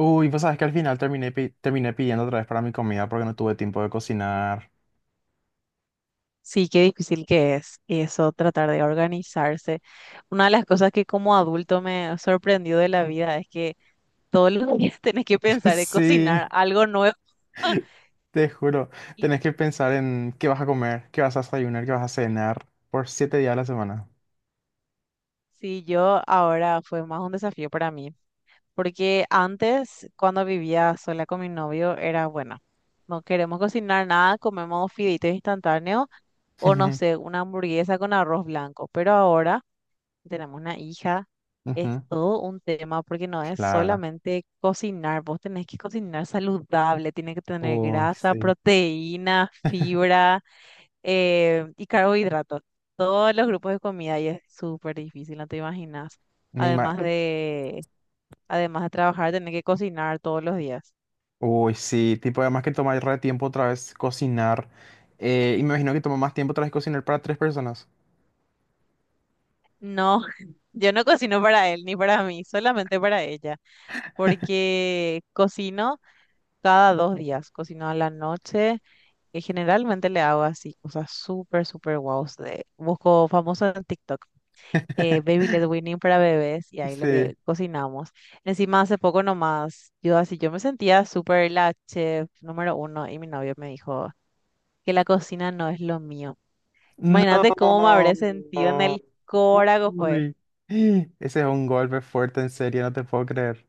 Uy, pues sabes que al final terminé, terminé pidiendo otra vez para mi comida porque no tuve tiempo de cocinar. Sí, qué difícil que es eso, tratar de organizarse. Una de las cosas que como adulto me sorprendió de la vida es que todos los días tenés que pensar en Sí, cocinar algo nuevo. te juro. Y Tenés que pensar en qué vas a comer, qué vas a desayunar, qué vas a cenar por 7 días a la semana. sí, yo ahora fue más un desafío para mí, porque antes, cuando vivía sola con mi novio, era bueno, no queremos cocinar nada, comemos fideitos instantáneos o no sé, una hamburguesa con arroz blanco, pero ahora tenemos una hija, es Ujú. todo un tema porque no es Claro. solamente cocinar, vos tenés que cocinar saludable, tiene que tener Uy, grasa, sí. proteína, fibra y carbohidratos, todos los grupos de comida y es súper difícil, no te imaginas. Me ima- Además de, además de trabajar, tener que cocinar todos los días. Uy, sí. Tipo, además que toma re tiempo otra vez cocinar. Y me imagino que toma más tiempo otra vez cocinar para tres personas. No, yo no cocino para él ni para mí, solamente para ella, porque cocino cada 2 días, cocino a la noche que generalmente le hago así cosas súper, súper guaus. Busco famosos en TikTok, Baby Led Winning para bebés y ahí lo Sí. que cocinamos. Encima hace poco nomás, yo así, yo me sentía súper la chef número uno y mi novio me dijo que la cocina no es lo mío. Imagínate cómo me No. habré sentido en el corazón, pues. Uy. Ese es un golpe fuerte, en serio, no te puedo creer.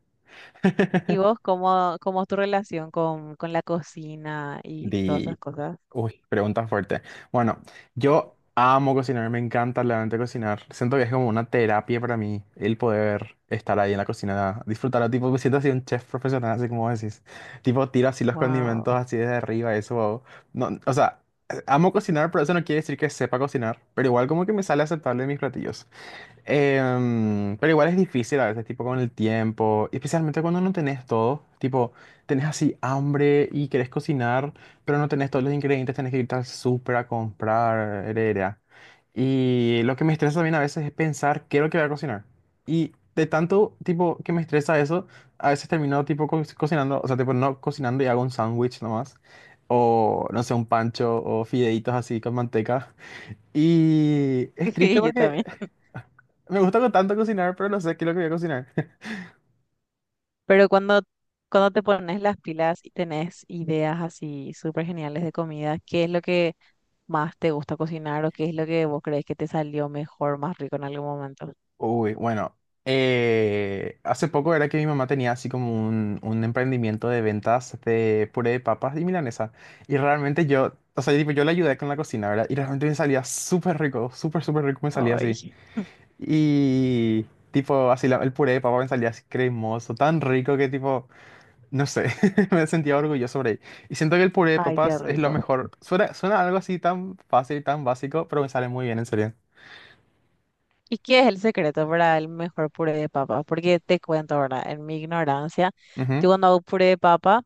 ¿Y vos cómo, cómo es tu relación con la cocina y todas Di. esas cosas? Uy, pregunta fuerte. Bueno, yo amo cocinar, me encanta realmente cocinar. Siento que es como una terapia para mí el poder estar ahí en la cocina, disfrutar. Tipo, me siento así un chef profesional, así como decís. Tipo, tiro así los Wow. condimentos así desde arriba, eso. Oh. No, o sea, amo cocinar, pero eso no quiere decir que sepa cocinar. Pero igual como que me sale aceptable en mis platillos. Pero igual es difícil a veces, tipo con el tiempo, y especialmente cuando no tenés todo, tipo, tenés así hambre y querés cocinar, pero no tenés todos los ingredientes, tenés que ir al súper a comprar, heredera. Y lo que me estresa también a veces es pensar qué es lo que voy a cocinar. Y de tanto, tipo, que me estresa eso, a veces termino, tipo, cocinando, o sea, tipo, no cocinando y hago un sándwich nomás, o no sé, un pancho o fideitos así con manteca. Y es triste Yo porque también. me gusta con tanto cocinar, pero no sé qué es lo que voy a cocinar. Pero cuando te pones las pilas y tenés ideas así súper geniales de comida, ¿qué es lo que más te gusta cocinar o qué es lo que vos crees que te salió mejor, más rico en algún momento? Uy, bueno. Hace poco era que mi mamá tenía así como un emprendimiento de ventas de puré de papas y milanesa. Y realmente yo, o sea, tipo, yo le ayudé con la cocina, ¿verdad? Y realmente me salía súper rico, súper, súper rico me salía Ay, así. Y tipo, así el puré de papa me salía así cremoso, tan rico que tipo, no sé, me sentía orgulloso por ahí. Y siento que el puré de ay, qué papas es lo rico. mejor. Suena algo así tan fácil, tan básico, pero me sale muy bien, en serio. ¿Y qué es el secreto para el mejor puré de papa? Porque te cuento ahora, en mi ignorancia, yo Ujú. cuando hago puré de papa,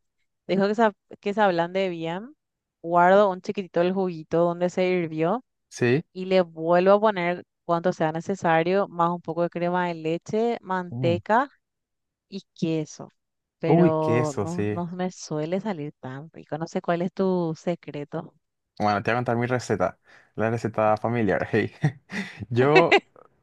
dejo que se ablande bien, guardo un chiquitito el juguito donde se hirvió Sí. y le vuelvo a poner cuanto sea necesario, más un poco de crema de leche, Mm. manteca y queso. Uy, Pero queso, no, sí. no me suele salir tan rico. No sé cuál es tu secreto. Bueno, te voy a contar mi receta, la receta familiar. Hey. Yo,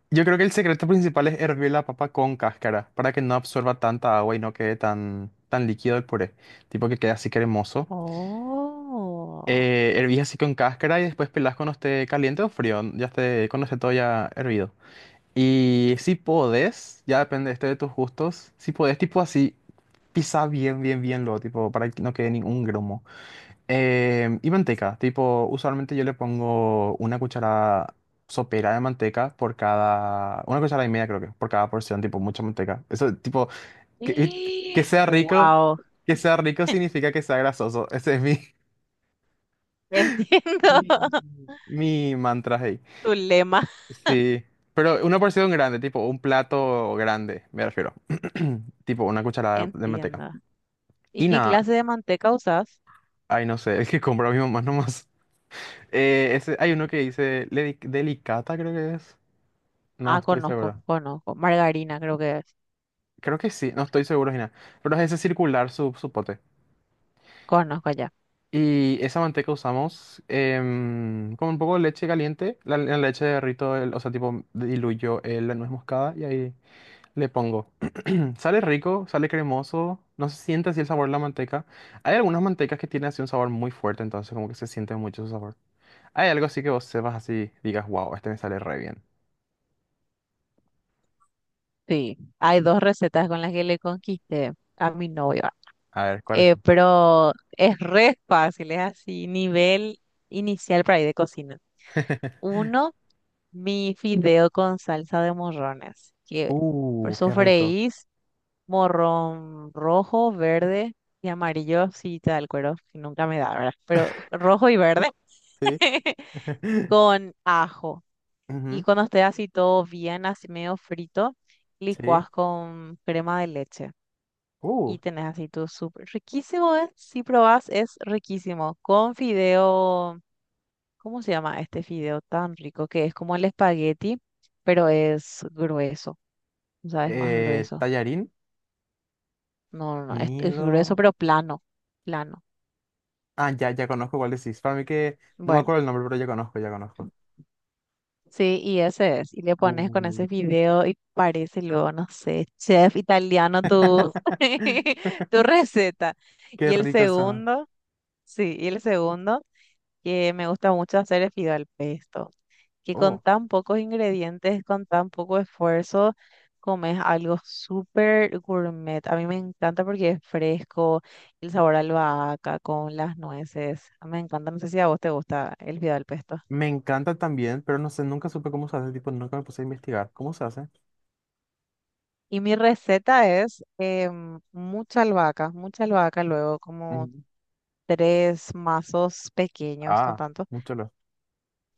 yo creo que el secreto principal es hervir la papa con cáscara para que no absorba tanta agua y no quede tan líquido el puré, tipo que quede así cremoso. Oh. Hervís así con cáscara y después pelás cuando esté caliente o frío, ya esté, cuando esté todo ya hervido. Y si podés, ya depende este de tus gustos, si podés tipo así, pisá bien, bien, bien lo, tipo para que no quede ningún grumo. Y manteca, tipo, usualmente yo le pongo una cuchara sopera de manteca por cada, una cuchara y media creo que, por cada porción, tipo, mucha manteca. Eso, tipo, que, que sea rico, Wow. que sea rico significa que sea grasoso. Ese es mi, Entiendo. mi mantra ahí. Tu lema. Sí, pero una porción grande, tipo, un plato grande, me refiero. Tipo, una cucharada de manteca. Entiendo. ¿Y Y qué nada, clase de manteca usas? ay, no sé, es que compro a mi mamá nomás. Hay uno que dice, delicata creo que es. No Ah, estoy conozco, seguro. conozco. Margarina creo que es. Creo que sí, no estoy seguro, Gina. Pero es ese circular su pote. Conozco ya. Y esa manteca usamos con un poco de leche caliente. La leche derrito, o sea, tipo, diluyo la nuez moscada y ahí le pongo. Sale rico, sale cremoso. No se siente así el sabor de la manteca. Hay algunas mantecas que tienen así un sabor muy fuerte, entonces como que se siente mucho su sabor. Hay algo así que vos sepas así, digas, wow, este me sale re bien. Sí. Hay dos recetas con las que le conquisté a mi novio. A ver, ¿cuál es? Pero es re fácil, es así, nivel inicial para ir de cocina. Uno, mi fideo con salsa de morrones, que Qué rico. sofreís morrón rojo, verde y amarillo, si te da el cuero, que nunca me da, ¿verdad? Pero rojo y verde Sí. con ajo. Y Ujú. cuando esté así todo bien, así medio frito, Sí. licuás con crema de leche. Uh. Y tenés así tu súper riquísimo, ¿eh? Si probás, es riquísimo. Con fideo, ¿cómo se llama este fideo tan rico? Que es como el espagueti, pero es grueso. O sea, es más grueso. Tallarín, No, no, no, es grueso, nido. pero plano, plano. Ah, ya, ya conozco cuál decís. Para mí que no me Bueno, acuerdo el nombre, pero ya conozco, ya conozco. sí, y ese es. Y le pones con Uh. ese fideo y parece luego, no sé, chef italiano tu, tu receta. Qué Y el rico suena. segundo, sí, y el segundo que me gusta mucho hacer es fideo al pesto, que con Oh, tan pocos ingredientes, con tan poco esfuerzo, comes algo súper gourmet. A mí me encanta porque es fresco, el sabor a albahaca con las nueces. Me encanta, no sé si a vos te gusta el fideo al pesto. me encanta también, pero no sé, nunca supe cómo se hace, tipo, nunca me puse a investigar. ¿Cómo se hace? Y mi receta es mucha albahaca, luego como Ujú. tres mazos pequeños, no Ah, tanto. mucho lo.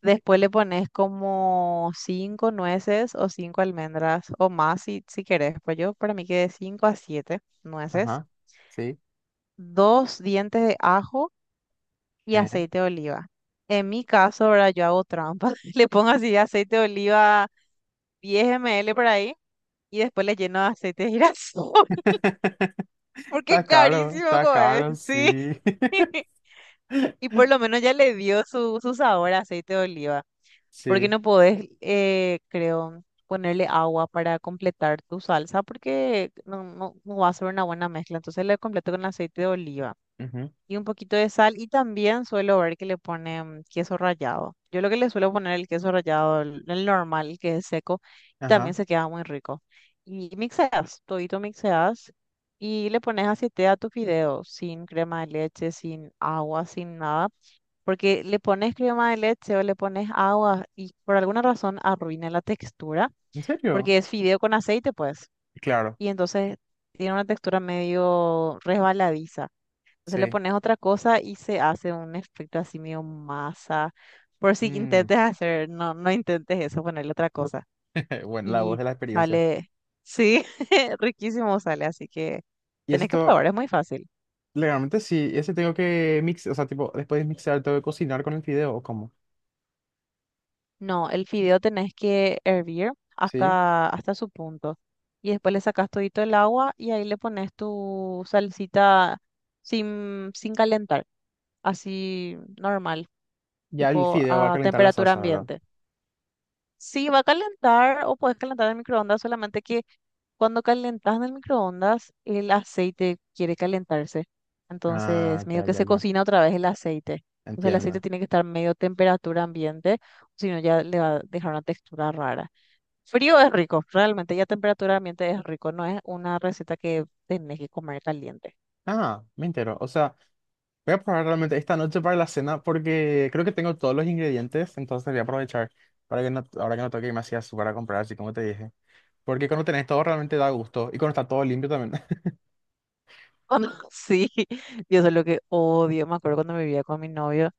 Después le pones como cinco nueces o cinco almendras o más si querés. Pues yo para mí que de cinco a siete nueces, Ajá, sí. dos dientes de ajo y Eh. aceite de oliva. En mi caso, ahora yo hago trampa. Le pongo así aceite de oliva 10 ml por ahí y después le lleno de aceite de girasol porque carísimo, está coe. caro, Sí. sí. Y por lo menos ya le dio su sabor a aceite de oliva. Porque Sí. no podés, creo, ponerle agua para completar tu salsa porque no, no, no va a ser una buena mezcla. Entonces le completo con aceite de oliva Ujú. y un poquito de sal y también suelo ver que le ponen queso rallado. Yo lo que le suelo poner el queso rallado, el normal, el que es seco, también Ajá. se queda muy rico. Y mixeas, todito mixeas. Y le pones aceite a tu fideo, sin crema de leche, sin agua, sin nada porque le pones crema de leche o le pones agua y por alguna razón arruina la textura, ¿En serio? porque es fideo con aceite, pues, Claro, y entonces tiene una textura medio resbaladiza. Entonces le sí. pones otra cosa y se hace un efecto así medio masa. Por si Mm. intentes hacer, no, no intentes eso, ponerle otra cosa. Bueno, la voz Y de la experiencia. sale, sí, riquísimo sale, así que Y eso tenés que todo. probar, es muy fácil. Legalmente sí, ese tengo que mixar, o sea, tipo, después de mixar tengo que cocinar con el fideo, ¿o cómo? No, el fideo tenés que hervir ¿Sí? hasta su punto. Y después le sacas todito el agua y ahí le pones tu salsita sin calentar, así normal, Ya el tipo fideo va a a calentar la temperatura salsa, ¿verdad? ambiente. Sí, va a calentar o puedes calentar en el microondas, solamente que cuando calentas en el microondas, el aceite quiere calentarse. Entonces, Ah, medio ya, que ya, se ya, cocina otra vez el aceite. Entonces, el aceite entiendo. tiene que estar medio temperatura ambiente, si no ya le va a dejar una textura rara. Frío es rico, realmente ya temperatura ambiente es rico, no es una receta que tenés que comer caliente. Ah, me entero, o sea, voy a probar realmente esta noche para la cena porque creo que tengo todos los ingredientes, entonces voy a aprovechar para que no, ahora que no tengo que irme así a súper a comprar, así como te dije. Porque cuando tenés todo realmente da gusto y cuando está todo limpio también. Sí, yo eso es lo que odio. Me acuerdo cuando me vivía con mi novio,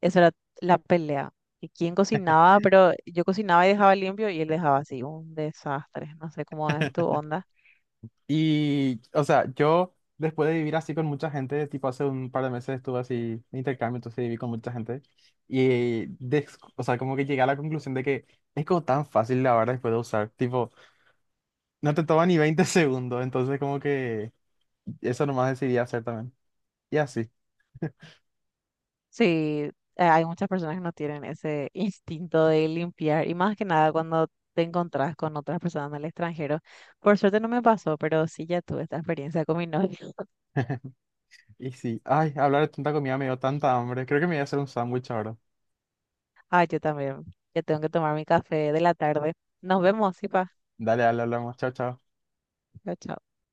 esa era la pelea. Y quién cocinaba, pero yo cocinaba y dejaba limpio y él dejaba así, un desastre. No sé cómo es tu onda. Y, o sea, yo después de vivir así con mucha gente, tipo hace un par de meses estuve así de intercambio, entonces viví con mucha gente. Y, des- o sea, como que llegué a la conclusión de que es como tan fácil lavar después de usar. Tipo, no te toma ni 20 segundos, entonces como que eso nomás decidí hacer también. Y así, Sí, hay muchas personas que no tienen ese instinto de limpiar y más que nada cuando te encontrás con otras personas del extranjero. Por suerte no me pasó, pero sí ya tuve esta experiencia con mi novio. y sí. Ay, hablar de tanta comida me dio tanta hambre. Creo que me voy a hacer un sándwich ahora. Ah, yo también. Ya tengo que tomar mi café de la tarde. Nos vemos, sí, pa. Dale, dale, hablamos. Chao, chao. Chao, chao.